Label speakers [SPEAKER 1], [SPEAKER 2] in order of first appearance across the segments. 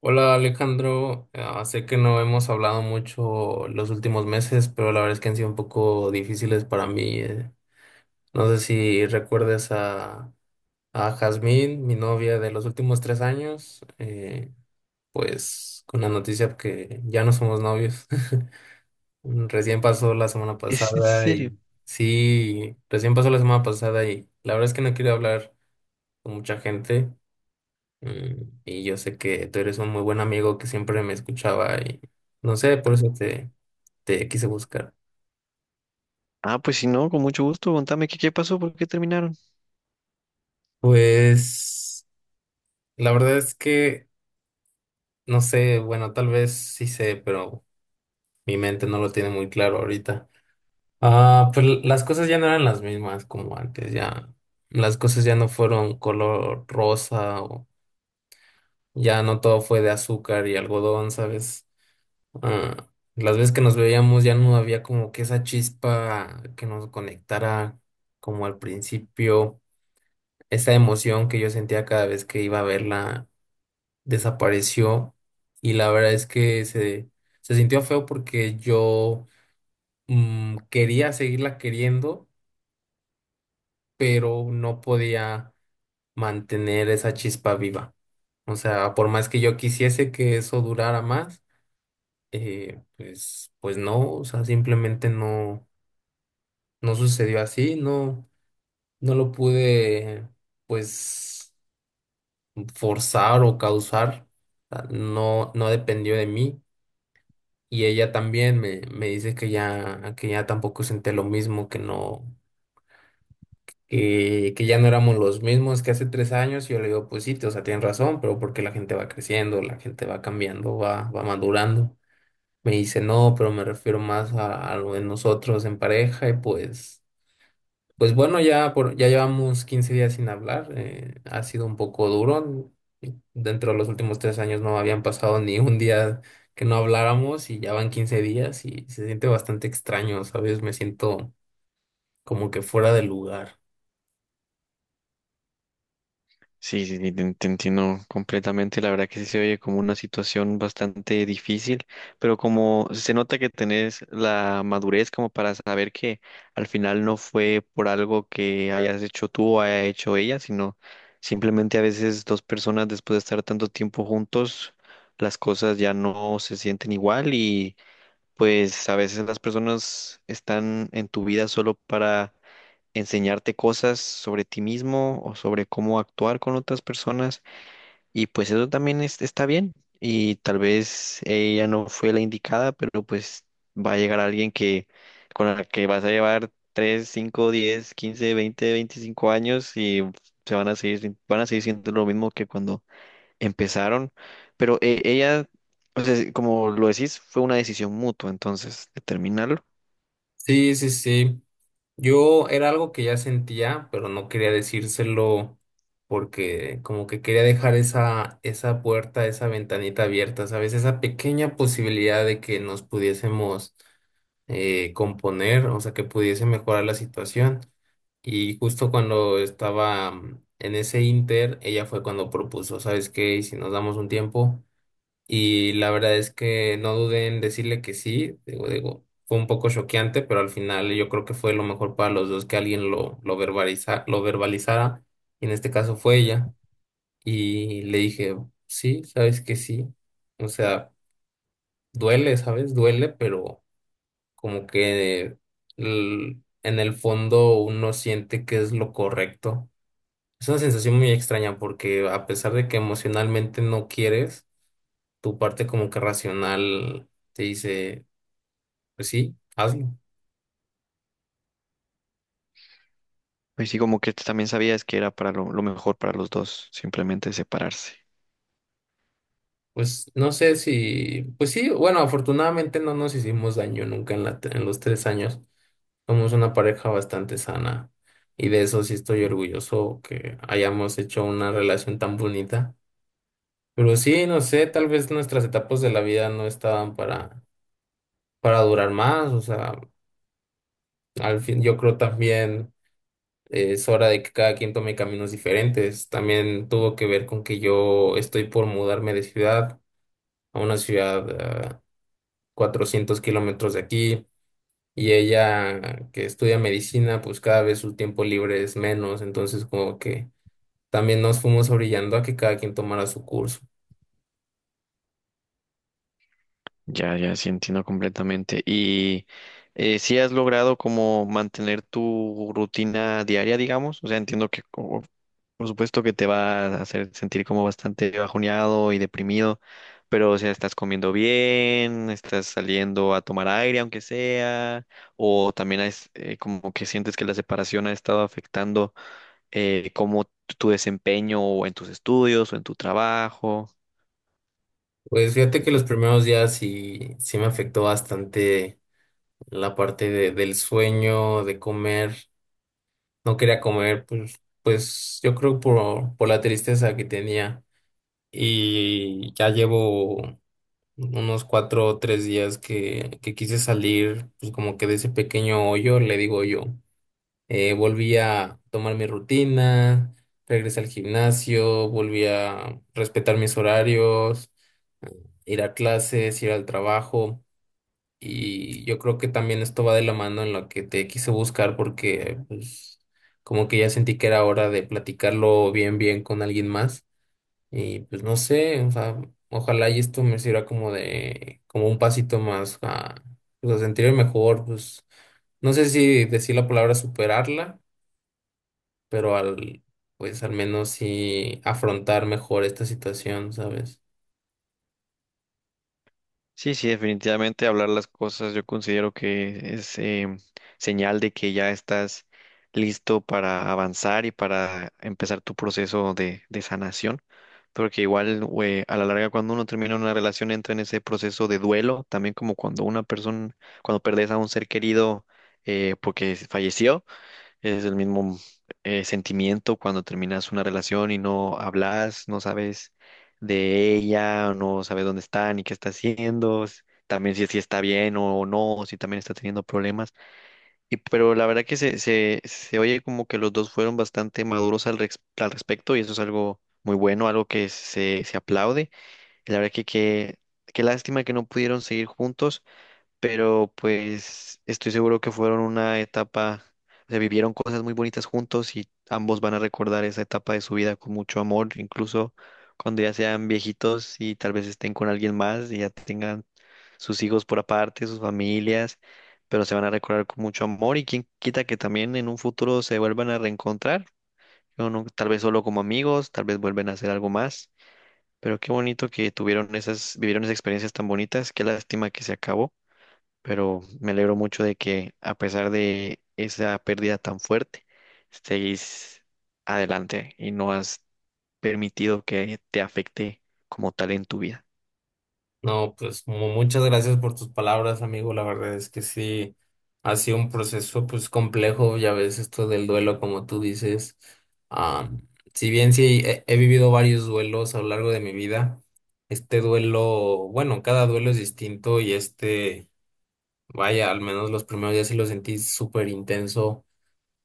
[SPEAKER 1] Hola Alejandro, ah, sé que no hemos hablado mucho los últimos meses, pero la verdad es que han sido un poco difíciles para mí. No sé si recuerdes a, Jazmín, mi novia de los últimos 3 años. Pues con la noticia que ya no somos novios. Recién pasó la semana
[SPEAKER 2] ¿Es en
[SPEAKER 1] pasada y
[SPEAKER 2] serio?
[SPEAKER 1] sí, recién pasó la semana pasada, y la verdad es que no quiero hablar con mucha gente. Y yo sé que tú eres un muy buen amigo que siempre me escuchaba, y no sé, por eso te quise buscar.
[SPEAKER 2] Ah, pues si no, con mucho gusto, contame qué pasó, por qué terminaron.
[SPEAKER 1] Pues la verdad es que no sé, bueno, tal vez sí sé, pero mi mente no lo tiene muy claro ahorita. Ah, pues las cosas ya no eran las mismas como antes, ya las cosas ya no fueron color rosa, o ya no todo fue de azúcar y algodón, ¿sabes? Ah, las veces que nos veíamos ya no había como que esa chispa que nos conectara como al principio, esa emoción que yo sentía cada vez que iba a verla desapareció, y la verdad es que se sintió feo, porque yo, quería seguirla queriendo, pero no podía mantener esa chispa viva. O sea, por más que yo quisiese que eso durara más, pues no, o sea, simplemente no. No sucedió así, no, no lo pude, pues, forzar o causar, ah, no, no dependió de mí. Y ella también me dice que ya tampoco senté lo mismo, que no, que ya no éramos los mismos que hace 3 años. Y yo le digo, pues sí, o sea, tienes razón, pero porque la gente va creciendo, la gente va cambiando, va madurando. Me dice, no, pero me refiero más a, lo de nosotros en pareja y pues. Pues bueno, ya llevamos 15 días sin hablar. Ha sido un poco duro. Dentro de los últimos 3 años no habían pasado ni un día que no habláramos, y ya van 15 días y se siente bastante extraño, ¿sabes? Me siento como que fuera de lugar.
[SPEAKER 2] Te entiendo completamente. La verdad que sí se oye como una situación bastante difícil, pero como se nota que tenés la madurez como para saber que al final no fue por algo que hayas hecho tú o haya hecho ella, sino simplemente a veces dos personas después de estar tanto tiempo juntos, las cosas ya no se sienten igual y pues a veces las personas están en tu vida solo para enseñarte cosas sobre ti mismo o sobre cómo actuar con otras personas y pues eso también está bien y tal vez ella no fue la indicada, pero pues va a llegar alguien que con la que vas a llevar 3, 5, 10, 15, 20, 25 años y se van a seguir van a seguir siendo lo mismo que cuando empezaron, pero ella, o sea, como lo decís, fue una decisión mutua, entonces, determinarlo.
[SPEAKER 1] Sí, sí, sí. Yo era algo que ya sentía, pero no quería decírselo, porque como que quería dejar esa puerta, esa ventanita abierta, ¿sabes? Esa pequeña posibilidad de que nos pudiésemos, componer, o sea, que pudiese mejorar la situación. Y justo cuando estaba, en ese inter, ella fue cuando propuso, ¿sabes qué? ¿Y si nos damos un tiempo? Y la verdad es que no dudé en decirle que sí. Digo, fue un poco choqueante, pero al final yo creo que fue lo mejor para los dos que alguien lo lo verbalizara. Y en este caso fue ella. Y le dije, sí, sabes que sí. O sea, duele, ¿sabes? Duele, pero como que, en el fondo uno siente que es lo correcto. Es una sensación muy extraña, porque a pesar de que emocionalmente no quieres, tu parte como que racional te dice, pues sí, hazlo.
[SPEAKER 2] Pues sí, como que también sabías que era para lo mejor para los dos, simplemente separarse.
[SPEAKER 1] Pues no sé si, pues sí, bueno, afortunadamente no nos hicimos daño nunca en en los 3 años. Somos una pareja bastante sana, y de eso sí estoy orgulloso que hayamos hecho una relación tan bonita. Pero sí, no sé, tal vez nuestras etapas de la vida no estaban para durar más. O sea, al fin, yo creo también es hora de que cada quien tome caminos diferentes. También tuvo que ver con que yo estoy por mudarme de ciudad a una ciudad a 400 kilómetros de aquí, y ella que estudia medicina, pues cada vez su tiempo libre es menos, entonces como que también nos fuimos orillando a que cada quien tomara su curso.
[SPEAKER 2] Ya, ya, sí entiendo completamente. ¿Y si has logrado como mantener tu rutina diaria, digamos? O sea, entiendo que por supuesto que te va a hacer sentir como bastante bajoneado y deprimido, pero o sea, ¿estás comiendo bien? ¿Estás saliendo a tomar aire, aunque sea? ¿O también es, como que sientes que la separación ha estado afectando cómo tu desempeño o en tus estudios o en tu trabajo?
[SPEAKER 1] Pues fíjate que los primeros días sí, sí me afectó bastante la parte del sueño, de comer. No quería comer, pues, pues yo creo por la tristeza que tenía. Y ya llevo unos 4 o 3 días que, quise salir, pues como que de ese pequeño hoyo, le digo yo. Volví a tomar mi rutina, regresé al gimnasio, volví a respetar mis horarios, ir a clases, ir al trabajo. Y yo creo que también esto va de la mano en lo que te quise buscar, porque pues como que ya sentí que era hora de platicarlo bien bien con alguien más, y pues no sé, o sea, ojalá y esto me sirva como de como un pasito más a, pues, a sentirme mejor, pues no sé si decir la palabra superarla, pero al pues al menos sí afrontar mejor esta situación, ¿sabes?
[SPEAKER 2] Sí, sí, definitivamente hablar las cosas yo considero que es señal de que ya estás listo para avanzar y para empezar tu proceso de sanación. Porque igual güey, a la larga cuando uno termina una relación entra en ese proceso de duelo, también como cuando una persona, cuando perdes a un ser querido porque falleció. Es el mismo sentimiento cuando terminas una relación y no hablas, no sabes de ella, no sabes dónde está ni qué está haciendo, también si, si está bien o no, o si también está teniendo problemas. Y pero la verdad que se oye como que los dos fueron bastante maduros al, al respecto y eso es algo muy bueno, algo que se aplaude. Y la verdad que qué lástima que no pudieron seguir juntos, pero pues estoy seguro que fueron una etapa, se vivieron cosas muy bonitas juntos y ambos van a recordar esa etapa de su vida con mucho amor, incluso cuando ya sean viejitos y tal vez estén con alguien más y ya tengan sus hijos por aparte, sus familias, pero se van a recordar con mucho amor y quién quita que también en un futuro se vuelvan a reencontrar, o no, tal vez solo como amigos, tal vez vuelven a hacer algo más. Pero qué bonito que tuvieron esas, vivieron esas experiencias tan bonitas, qué lástima que se acabó, pero me alegro mucho de que a pesar de esa pérdida tan fuerte, estéis adelante y no has permitido que te afecte como tal en tu vida.
[SPEAKER 1] No, pues muchas gracias por tus palabras, amigo. La verdad es que sí, ha sido un proceso pues complejo, ya ves, esto del duelo, como tú dices. Ah, si bien sí he vivido varios duelos a lo largo de mi vida, este duelo, bueno, cada duelo es distinto y este, vaya, al menos los primeros días sí lo sentí súper intenso.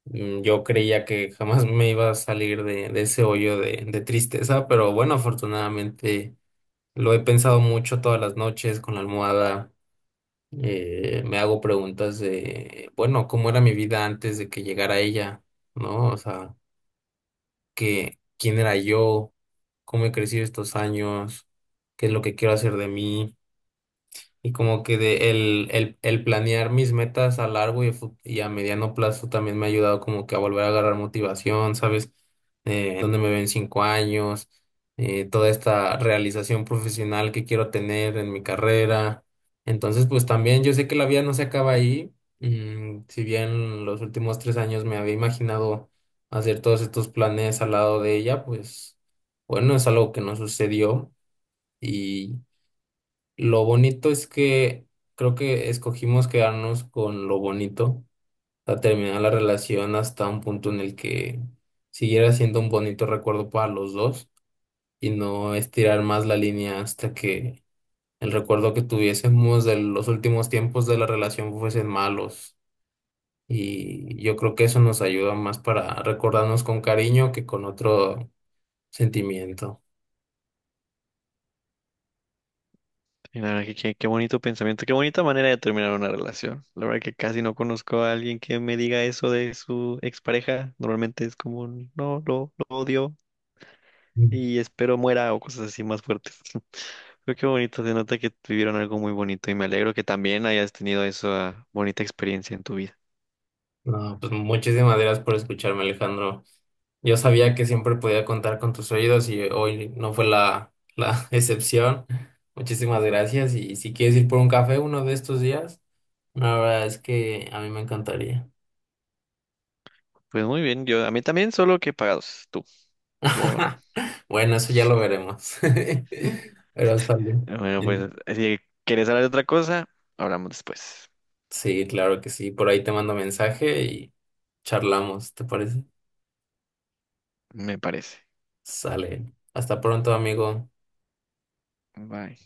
[SPEAKER 1] Yo creía que jamás me iba a salir de ese hoyo de tristeza, pero bueno, afortunadamente. Lo he pensado mucho todas las noches con la almohada. Me hago preguntas de, bueno, ¿cómo era mi vida antes de que llegara ella? ¿No? O sea, quién era yo? ¿Cómo he crecido estos años? ¿Qué es lo que quiero hacer de mí? Y como que de el planear mis metas a largo y, y a mediano plazo también me ha ayudado como que a volver a agarrar motivación, ¿sabes? Dónde me ven 5 años, toda esta realización profesional que quiero tener en mi carrera. Entonces, pues también yo sé que la vida no se acaba ahí. Si bien los últimos 3 años me había imaginado hacer todos estos planes al lado de ella, pues bueno, es algo que no sucedió. Lo bonito es que creo que escogimos quedarnos con lo bonito, a terminar la relación hasta un punto en el que siguiera siendo un bonito recuerdo para los dos, y no estirar más la línea hasta que el recuerdo que tuviésemos de los últimos tiempos de la relación fuesen malos. Y yo creo que eso nos ayuda más para recordarnos con cariño que con otro sentimiento.
[SPEAKER 2] Y la verdad que qué bonito pensamiento, qué bonita manera de terminar una relación. La verdad que casi no conozco a alguien que me diga eso de su expareja. Normalmente es como, un, no, lo odio
[SPEAKER 1] Mm.
[SPEAKER 2] y espero muera o cosas así más fuertes. Pero qué bonito, se nota que tuvieron algo muy bonito y me alegro que también hayas tenido esa bonita experiencia en tu vida.
[SPEAKER 1] No, pues muchísimas gracias por escucharme, Alejandro. Yo sabía que siempre podía contar con tus oídos y hoy no fue la excepción. Muchísimas gracias. Y si quieres ir por un café uno de estos días, la verdad es que a mí me encantaría.
[SPEAKER 2] Pues muy bien, yo a mí también, solo que pagados, tú, yo no.
[SPEAKER 1] Bueno, eso ya lo veremos. Pero está bien.
[SPEAKER 2] Bueno, pues
[SPEAKER 1] Bien.
[SPEAKER 2] si quieres hablar de otra cosa, hablamos después,
[SPEAKER 1] Sí, claro que sí. Por ahí te mando mensaje y charlamos, ¿te parece?
[SPEAKER 2] me parece.
[SPEAKER 1] Sale. Hasta pronto, amigo.
[SPEAKER 2] Bye.